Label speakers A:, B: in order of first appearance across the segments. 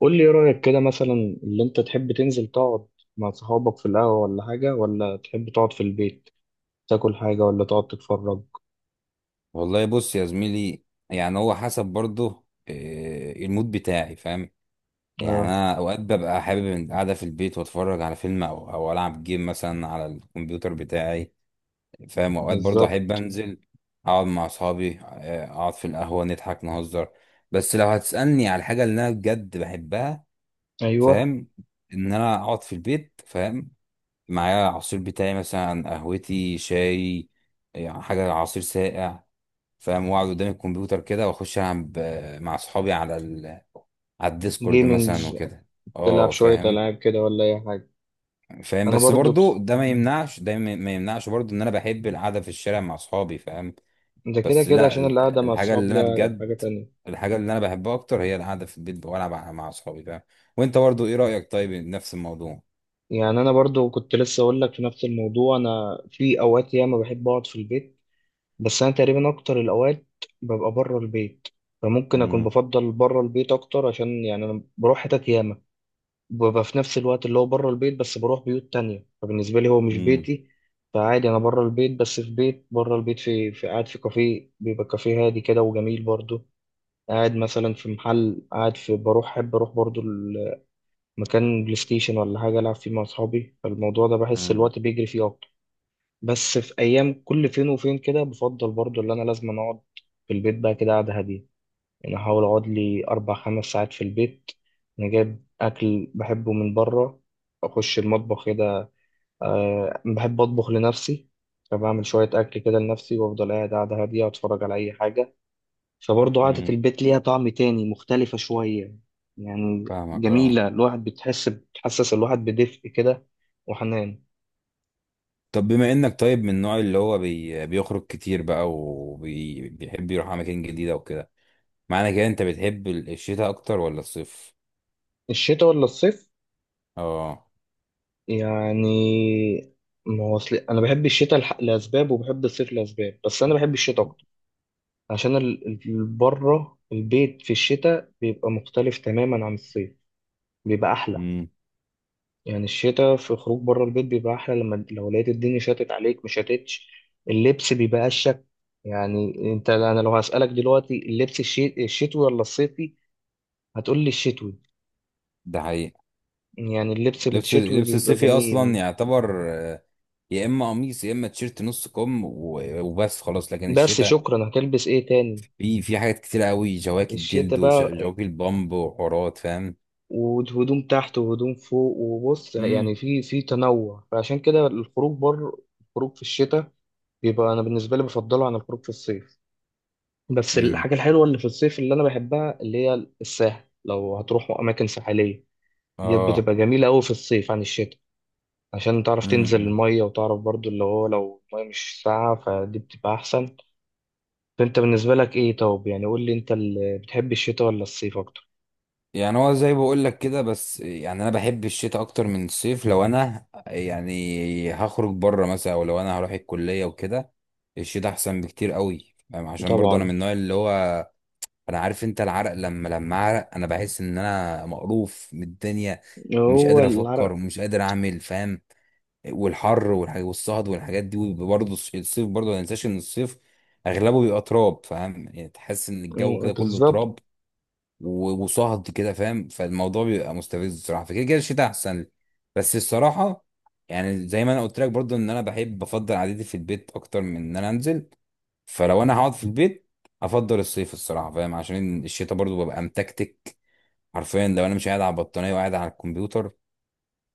A: قول لي ايه رأيك كده مثلا؟ اللي انت تحب تنزل تقعد مع صحابك في القهوة ولا حاجة، ولا تحب تقعد في البيت تاكل حاجة ولا تقعد تتفرج؟
B: والله بص يا زميلي. يعني هو حسب برضه المود بتاعي. فاهم، يعني
A: اه.
B: انا اوقات ببقى حابب إن قاعده في البيت واتفرج على فيلم او العب جيم مثلا على الكمبيوتر بتاعي. فاهم، اوقات برضه احب
A: بالظبط.
B: انزل اقعد مع اصحابي اقعد في القهوه نضحك نهزر. بس لو هتسالني على الحاجه اللي انا بجد بحبها،
A: ايوه.
B: فاهم، ان انا اقعد في البيت، فاهم، معايا العصير بتاعي مثلا قهوتي شاي، يعني حاجه عصير ساقع، فاهم، واقعد قدام الكمبيوتر كده واخش العب مع اصحابي على على الديسكورد مثلا
A: جيمينجز.
B: وكده.
A: تلعب
B: اه،
A: شوية
B: فاهم.
A: ألعاب كده ولا أي حاجة؟
B: فاهم،
A: أنا
B: بس
A: برضو
B: برضو
A: بس...
B: ده ما يمنعش ده ما يمنعش برضو ان انا بحب القعده في الشارع مع اصحابي، فاهم.
A: ده كده
B: بس
A: كده
B: لا
A: عشان القعدة مع
B: الحاجه
A: الصحاب
B: اللي انا
A: ليها
B: بجد،
A: حاجة تانية.
B: الحاجه اللي انا بحبها اكتر هي القعده في البيت والعب مع اصحابي، فاهم. وانت برضو ايه رايك؟ طيب نفس الموضوع.
A: يعني أنا برضو كنت لسه أقول لك في نفس الموضوع، أنا في أوقات ياما بحب أقعد في البيت، بس انا تقريبا اكتر الاوقات ببقى بره البيت، فممكن اكون
B: امم.
A: بفضل بره البيت اكتر عشان يعني انا بروح حتت ياما، ببقى في نفس الوقت اللي هو بره البيت بس بروح بيوت تانية، فبالنسبه لي هو مش
B: امم.
A: بيتي. فعادي انا بره البيت، بس في بيت بره البيت في قاعد في كافيه، بيبقى كافيه هادي كده وجميل برضه. قاعد مثلا في محل، قاعد في بروح، احب اروح برضه مكان بلاي ستيشن ولا حاجه العب فيه مع اصحابي، فالموضوع ده بحس
B: امم.
A: الوقت بيجري فيه اكتر. بس في ايام كل فين وفين كده بفضل برضو اللي انا لازم أنا اقعد في البيت بقى كده قعده هاديه. يعني احاول اقعد لي 4 5 ساعات في البيت، انا جايب اكل بحبه من بره، اخش المطبخ كده، أه بحب اطبخ لنفسي. فبعمل شويه اكل كده لنفسي وافضل قاعد قعده هاديه اتفرج على اي حاجه، فبرضو قعده
B: امم.
A: البيت ليها طعم تاني مختلفه شويه يعني.
B: فاهمك اه.
A: جميله، الواحد بتحس بتحسس الواحد بدفء كده، وحنان.
B: طب بما انك طيب من النوع اللي هو بيخرج كتير بقى وبيحب يروح اماكن جديدة وكده، معنى كده انت بتحب الشتاء اكتر ولا الصيف؟
A: الشتاء ولا الصيف؟
B: اه.
A: يعني، ما هو أصل أنا بحب الشتاء لأسباب وبحب الصيف لأسباب، بس أنا بحب الشتاء أكتر عشان بره البيت في الشتاء بيبقى مختلف تماما عن الصيف، بيبقى أحلى.
B: امم.
A: يعني الشتاء في خروج بره البيت بيبقى أحلى، لما لو لقيت الدنيا شتت عليك مش شتتش، اللبس بيبقى أشك. يعني أنت، أنا لو هسألك دلوقتي اللبس الشتوي ولا الصيفي، هتقول لي الشتوي.
B: ده حقيقي.
A: يعني اللبس
B: لبس
A: الشتوي
B: لبس
A: بيبقى
B: الصيفي اصلا
A: جميل.
B: يعتبر يا اما قميص يا اما تيشيرت نص كم وبس خلاص، لكن
A: بس
B: الشتاء
A: شكرا، هتلبس إيه تاني
B: في حاجات كتير قوي، جواكت
A: الشتاء
B: جلد
A: بقى؟
B: وجواكت بامب وحورات، فاهم.
A: وهدوم تحت وهدوم فوق وبص،
B: امم.
A: يعني في تنوع، فعشان كده الخروج بره، الخروج في الشتاء بيبقى، انا بالنسبه لي، بفضله عن الخروج في الصيف. بس
B: امم.
A: الحاجه الحلوه اللي في الصيف اللي انا بحبها اللي هي الساحل، لو هتروحوا اماكن ساحليه، ديت
B: اه.
A: بتبقى جميله قوي في الصيف عن الشتاء، عشان تعرف تنزل
B: امم.
A: الميه وتعرف برضو اللي هو لو الميه مش ساقعه فدي بتبقى احسن. فانت بالنسبه لك ايه؟ طب يعني قول لي انت اللي بتحب الشتاء ولا الصيف اكتر؟
B: يعني هو زي بقول لك كده، بس يعني انا بحب الشتاء اكتر من الصيف. لو انا يعني هخرج بره مثلا او لو انا هروح الكليه وكده، الشتاء احسن بكتير قوي، فاهم؟ عشان برضه انا من
A: طبعا.
B: النوع اللي هو، انا عارف انت العرق، لما اعرق انا بحس ان انا مقروف من الدنيا، مش
A: هو
B: قادر افكر
A: العرق.
B: ومش قادر اعمل، فاهم. والحر والصهد والحاجات دي. وبرضه الصيف برضه ما ننساش ان الصيف اغلبه بيبقى تراب، فاهم، يعني تحس ان الجو كده كله
A: بالظبط.
B: تراب وصهد كده، فاهم، فالموضوع بيبقى مستفز الصراحه، فكده كده الشتاء احسن لي. بس الصراحه يعني زي ما انا قلت لك برضو، ان انا بحب بفضل قعدتي في البيت اكتر من ان انا انزل. فلو انا هقعد في البيت، افضل الصيف الصراحه، فاهم، عشان الشتاء برضو ببقى متكتك. حرفيا لو انا مش قاعد على البطانيه وقاعد على الكمبيوتر،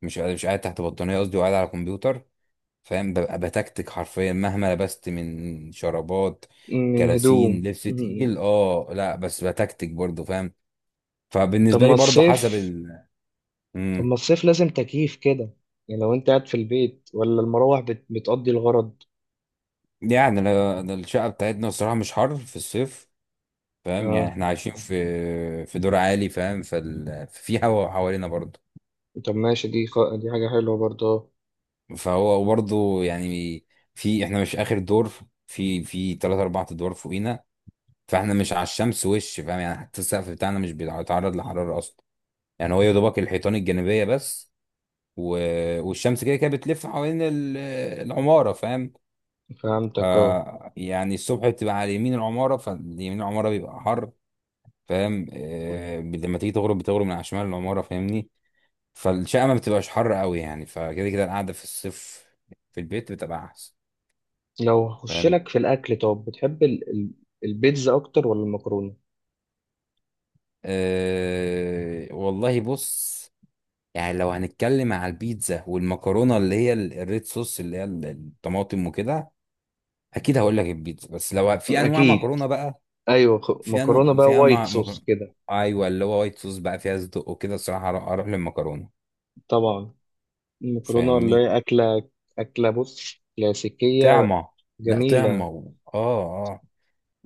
B: مش قاعد تحت بطانيه قصدي وقاعد على الكمبيوتر، فاهم، ببقى بتكتك حرفيا مهما لبست من شرابات،
A: من
B: كلاسين،
A: هدوم.
B: لبس
A: مم.
B: تقيل، اه لا بس بتكتك برضو، فاهم.
A: طب
B: فبالنسبه
A: ما
B: لي برضه حسب
A: الصيف، طب ما
B: مم.
A: الصيف لازم تكييف كده، يعني لو انت قاعد في البيت ولا المراوح بتقضي الغرض؟
B: يعني ده الشقه بتاعتنا الصراحه مش حر في الصيف، فاهم، يعني
A: اه.
B: احنا عايشين في دور عالي، فاهم، في هوا حوالينا برضه.
A: طب ماشي، دي حاجة حلوة برضه آه.
B: فهو برضه يعني في احنا مش اخر دور، في ثلاث اربع ادوار فوقينا، فاحنا مش على الشمس وش، فاهم، يعني حتى السقف بتاعنا مش بيتعرض لحراره اصلا. يعني هو يا دوبك الحيطان الجانبيه بس. و... والشمس كده كده بتلف حوالين العماره، فاهم.
A: فهمتك اه.
B: يعني الصبح بتبقى على يمين العمارة، فاليمين العمارة بيبقى حر، فاهم. لما تيجي تغرب، بتغرب من على شمال العمارة، فاهمني، فالشقة ما بتبقاش حر قوي يعني، فكده كده القعدة في الصيف في البيت بتبقى أحسن.
A: لو هخش
B: فاهم.
A: لك في الأكل، طب بتحب البيتزا أكتر ولا المكرونة؟
B: والله بص، يعني لو هنتكلم على البيتزا والمكرونة، اللي هي الريد صوص اللي هي الطماطم وكده، أكيد هقول لك البيتزا. بس لو في أنواع
A: أكيد.
B: مكرونة بقى
A: أيوة،
B: فيها
A: مكرونة
B: نوع،
A: بقى
B: فيها
A: وايت صوص
B: مكرونة،
A: كده.
B: ايوه، اللي هو وايت صوص بقى فيها صدق وكده، الصراحه أروح للمكرونه،
A: طبعا. المكرونة اللي
B: فاهمني،
A: هي أكلة، أكلة بص، كلاسيكية
B: طعمه، لا
A: جميلة.
B: طعمه اه. اه،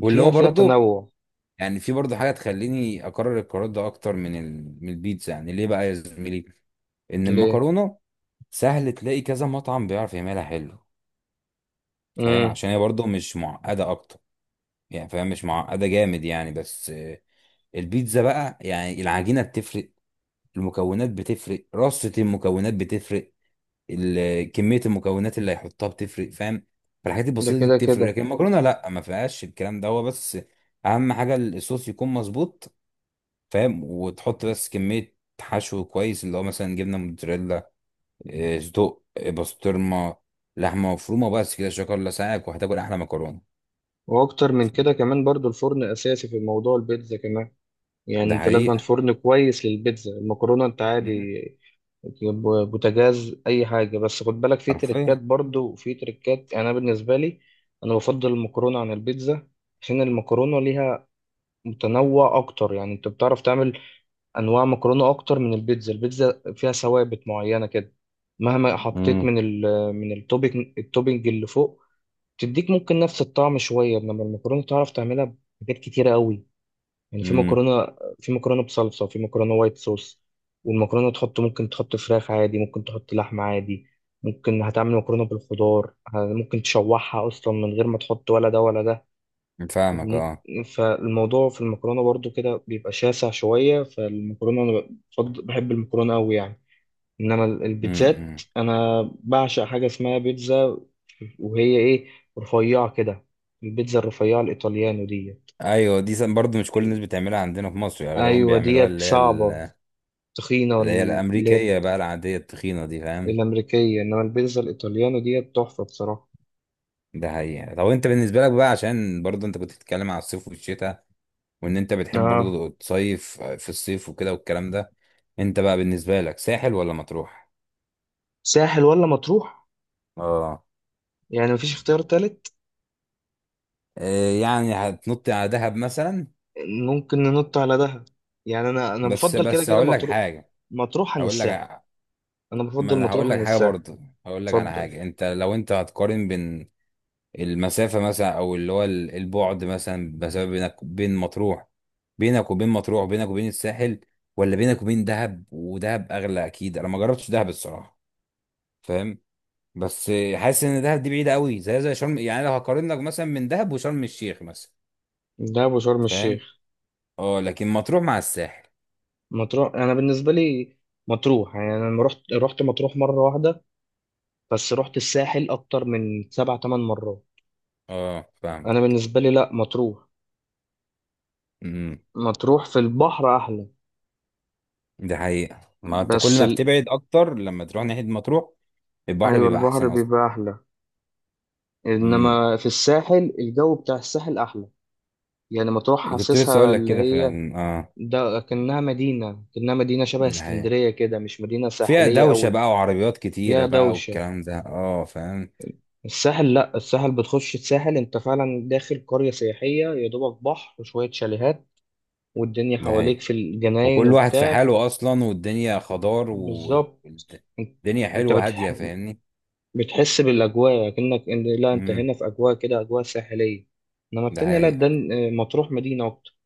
B: واللي
A: فيها
B: هو
A: فيها
B: برضو
A: تنوع.
B: يعني في برضو حاجه تخليني اكرر القرار ده اكتر من من البيتزا. يعني ليه بقى يا زميلي؟ ان
A: ليه؟
B: المكرونه سهل تلاقي كذا مطعم بيعرف يعملها حلو، فاهم،
A: مم.
B: عشان هي برضو مش معقده اكتر، يعني فاهم، مش معقده جامد يعني، بس البيتزا بقى يعني العجينه بتفرق، المكونات بتفرق، رصة المكونات بتفرق، كميه المكونات اللي هيحطها بتفرق، فاهم. فالحاجات
A: ده
B: البسيطه دي
A: كده
B: بتفرق،
A: كده.
B: لكن المكرونه لا، ما فيهاش الكلام ده. هو بس اهم حاجه الصوص يكون مظبوط، فاهم، وتحط بس كميه حشو كويس اللي هو مثلا جبنه موتزاريلا، صدق، بسطرمه، لحمه مفرومه، بس كده شكرا لسعيك وهتاكل احلى مكرونه.
A: واكتر من كده كمان برضو الفرن اساسي في موضوع البيتزا كمان، يعني
B: ده
A: انت لازم
B: حقيقه.
A: فرن كويس للبيتزا، المكرونه انت عادي
B: مم.
A: تجيب بوتاجاز اي حاجه، بس خد بالك في تريكات
B: حرفيا.
A: برضو وفي تريكات، يعني انا بالنسبه لي انا بفضل المكرونه عن البيتزا، عشان المكرونه ليها متنوع اكتر، يعني انت بتعرف تعمل انواع مكرونه اكتر من البيتزا. البيتزا فيها ثوابت معينه كده، مهما حطيت
B: امم.
A: من من التوبينج اللي فوق، تديك ممكن نفس الطعم شويه، انما المكرونه تعرف تعملها بحاجات كتيره قوي، يعني في
B: امم.
A: مكرونه في مكرونه بصلصه، وفي مكرونه وايت صوص، والمكرونه تحط ممكن تحط فراخ عادي، ممكن تحط لحمه عادي، ممكن هتعمل مكرونه بالخضار، ممكن تشوحها اصلا من غير ما تحط ولا ده ولا ده،
B: فاهمك اه.
A: فالموضوع في المكرونه برضو كده بيبقى شاسع شويه، فالمكرونه انا بحب المكرونه قوي يعني. انما البيتزات
B: امم.
A: انا بعشق حاجه اسمها بيتزا، وهي ايه؟ رفيعه كده، البيتزا الرفيعه الايطاليانو دي.
B: ايوه دي برضه مش كل الناس بتعملها عندنا في مصر، يعني اغلبهم
A: ايوه،
B: بيعملوها
A: ديت
B: اللي هي
A: صعبه تخينه
B: اللي هي
A: اللي هي
B: الامريكيه بقى العاديه التخينه دي، فاهم.
A: الامريكيه، انما البيتزا الايطاليانو ديت تحفه بصراحه.
B: ده حقيقه. طب انت بالنسبه لك بقى، عشان برضه انت كنت بتتكلم على الصيف والشتاء وان انت بتحب
A: اه.
B: برضه تصيف في الصيف وكده والكلام ده، انت بقى بالنسبه لك ساحل ولا مطروح؟
A: ساحل ولا مطروح؟
B: اه.
A: يعني مفيش اختيار تالت؟
B: إيه يعني هتنط على دهب مثلا؟
A: ممكن ننط على دهب، يعني انا
B: بس
A: بفضل كده
B: بس
A: كده
B: هقول لك
A: مطروح،
B: حاجه،
A: مطروح عن
B: هقول لك
A: الساحل. انا
B: ما
A: بفضل
B: انا
A: مطروح
B: هقول
A: عن
B: لك حاجه
A: الساحل.
B: برضه، هقول لك على
A: اتفضل.
B: حاجه. لو انت هتقارن بين المسافة مثلا، أو اللي هو البعد مثلا، مسافة بينك بين مطروح، بينك وبين مطروح، بينك وبين الساحل، ولا بينك وبين دهب. ودهب أغلى أكيد، أنا ما جربتش دهب الصراحة، فاهم، بس حاسس إن دهب دي بعيدة قوي، زي شرم، يعني لو هقارن لك مثلا من دهب وشرم الشيخ مثلا،
A: دهب وشرم الشيخ.
B: فاهم. اه، لكن مطروح مع الساحل.
A: مطروح، انا بالنسبه لي مطروح، يعني انا لما رحت رحت مطروح مره واحده، بس رحت الساحل اكتر من 7 8 مرات.
B: اه. فاهم.
A: انا بالنسبه لي لا، مطروح،
B: امم.
A: مطروح في البحر احلى.
B: ده حقيقة، ما أنت كل
A: بس
B: ما
A: ال...
B: بتبعد أكتر لما تروح ناحية مطروح، البحر
A: ايوه،
B: بيبقى
A: البحر
B: أحسن أصلا.
A: بيبقى احلى،
B: امم.
A: انما في الساحل الجو بتاع الساحل احلى، يعني مطروح
B: كنت لسه
A: حاسسها
B: أقول لك
A: اللي
B: كده
A: هي،
B: فعلا اه.
A: ده كأنها مدينه شبه
B: ده حقيقة،
A: اسكندريه كده، مش مدينه
B: فيها
A: ساحليه
B: دوشة
A: قوي،
B: بقى وعربيات كتيرة
A: فيها
B: بقى
A: دوشه.
B: والكلام ده، اه فاهم.
A: الساحل لا، الساحل بتخش الساحل انت فعلا داخل قرية سياحية، يا دوبك بحر وشوية شاليهات والدنيا
B: ده
A: حواليك
B: هي،
A: في الجناين
B: وكل واحد في
A: وبتاع.
B: حاله أصلا، والدنيا خضار
A: بالظبط. انت
B: والدنيا
A: انت
B: حلوة هادية، فاهمني.
A: بتحس بالأجواء، كأنك ان لا انت
B: امم.
A: هنا في أجواء كده، أجواء ساحلية. انما
B: ده
A: التانية لا، ده
B: حقيقة.
A: مطروح مدينة أكتر.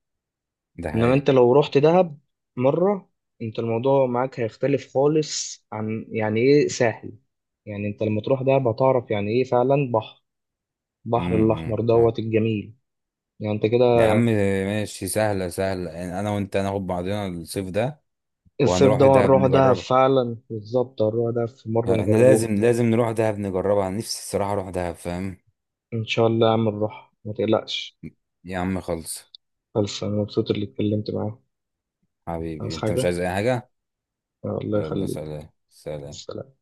B: ده
A: انما انت
B: حقيقة.
A: لو رحت دهب مرة، انت الموضوع معاك هيختلف خالص عن يعني ايه ساحل، يعني انت لما تروح دهب هتعرف يعني ايه فعلا بحر، بحر الأحمر
B: امم. فاهم.
A: دوت الجميل، يعني انت كده.
B: يا عم ماشي، سهلة سهلة، يعني أنا وأنت هناخد بعضنا الصيف ده،
A: الصيف ده
B: وهنروح دهب
A: هنروح دهب
B: نجربها.
A: فعلا، بالظبط هنروح دهب في مرة
B: احنا
A: نجربوها.
B: لازم لازم نروح دهب نجربها، أنا نفسي الصراحة أروح دهب، فاهم.
A: إن شاء الله يا عم نروح ما تقلقش.
B: يا عم خلص.
A: خلص. أنا مبسوط اللي اتكلمت معاه.
B: حبيبي
A: عايز
B: أنت مش
A: حاجة؟
B: عايز أي حاجة؟
A: الله
B: يلا
A: يخليك.
B: سلام سلام.
A: سلام.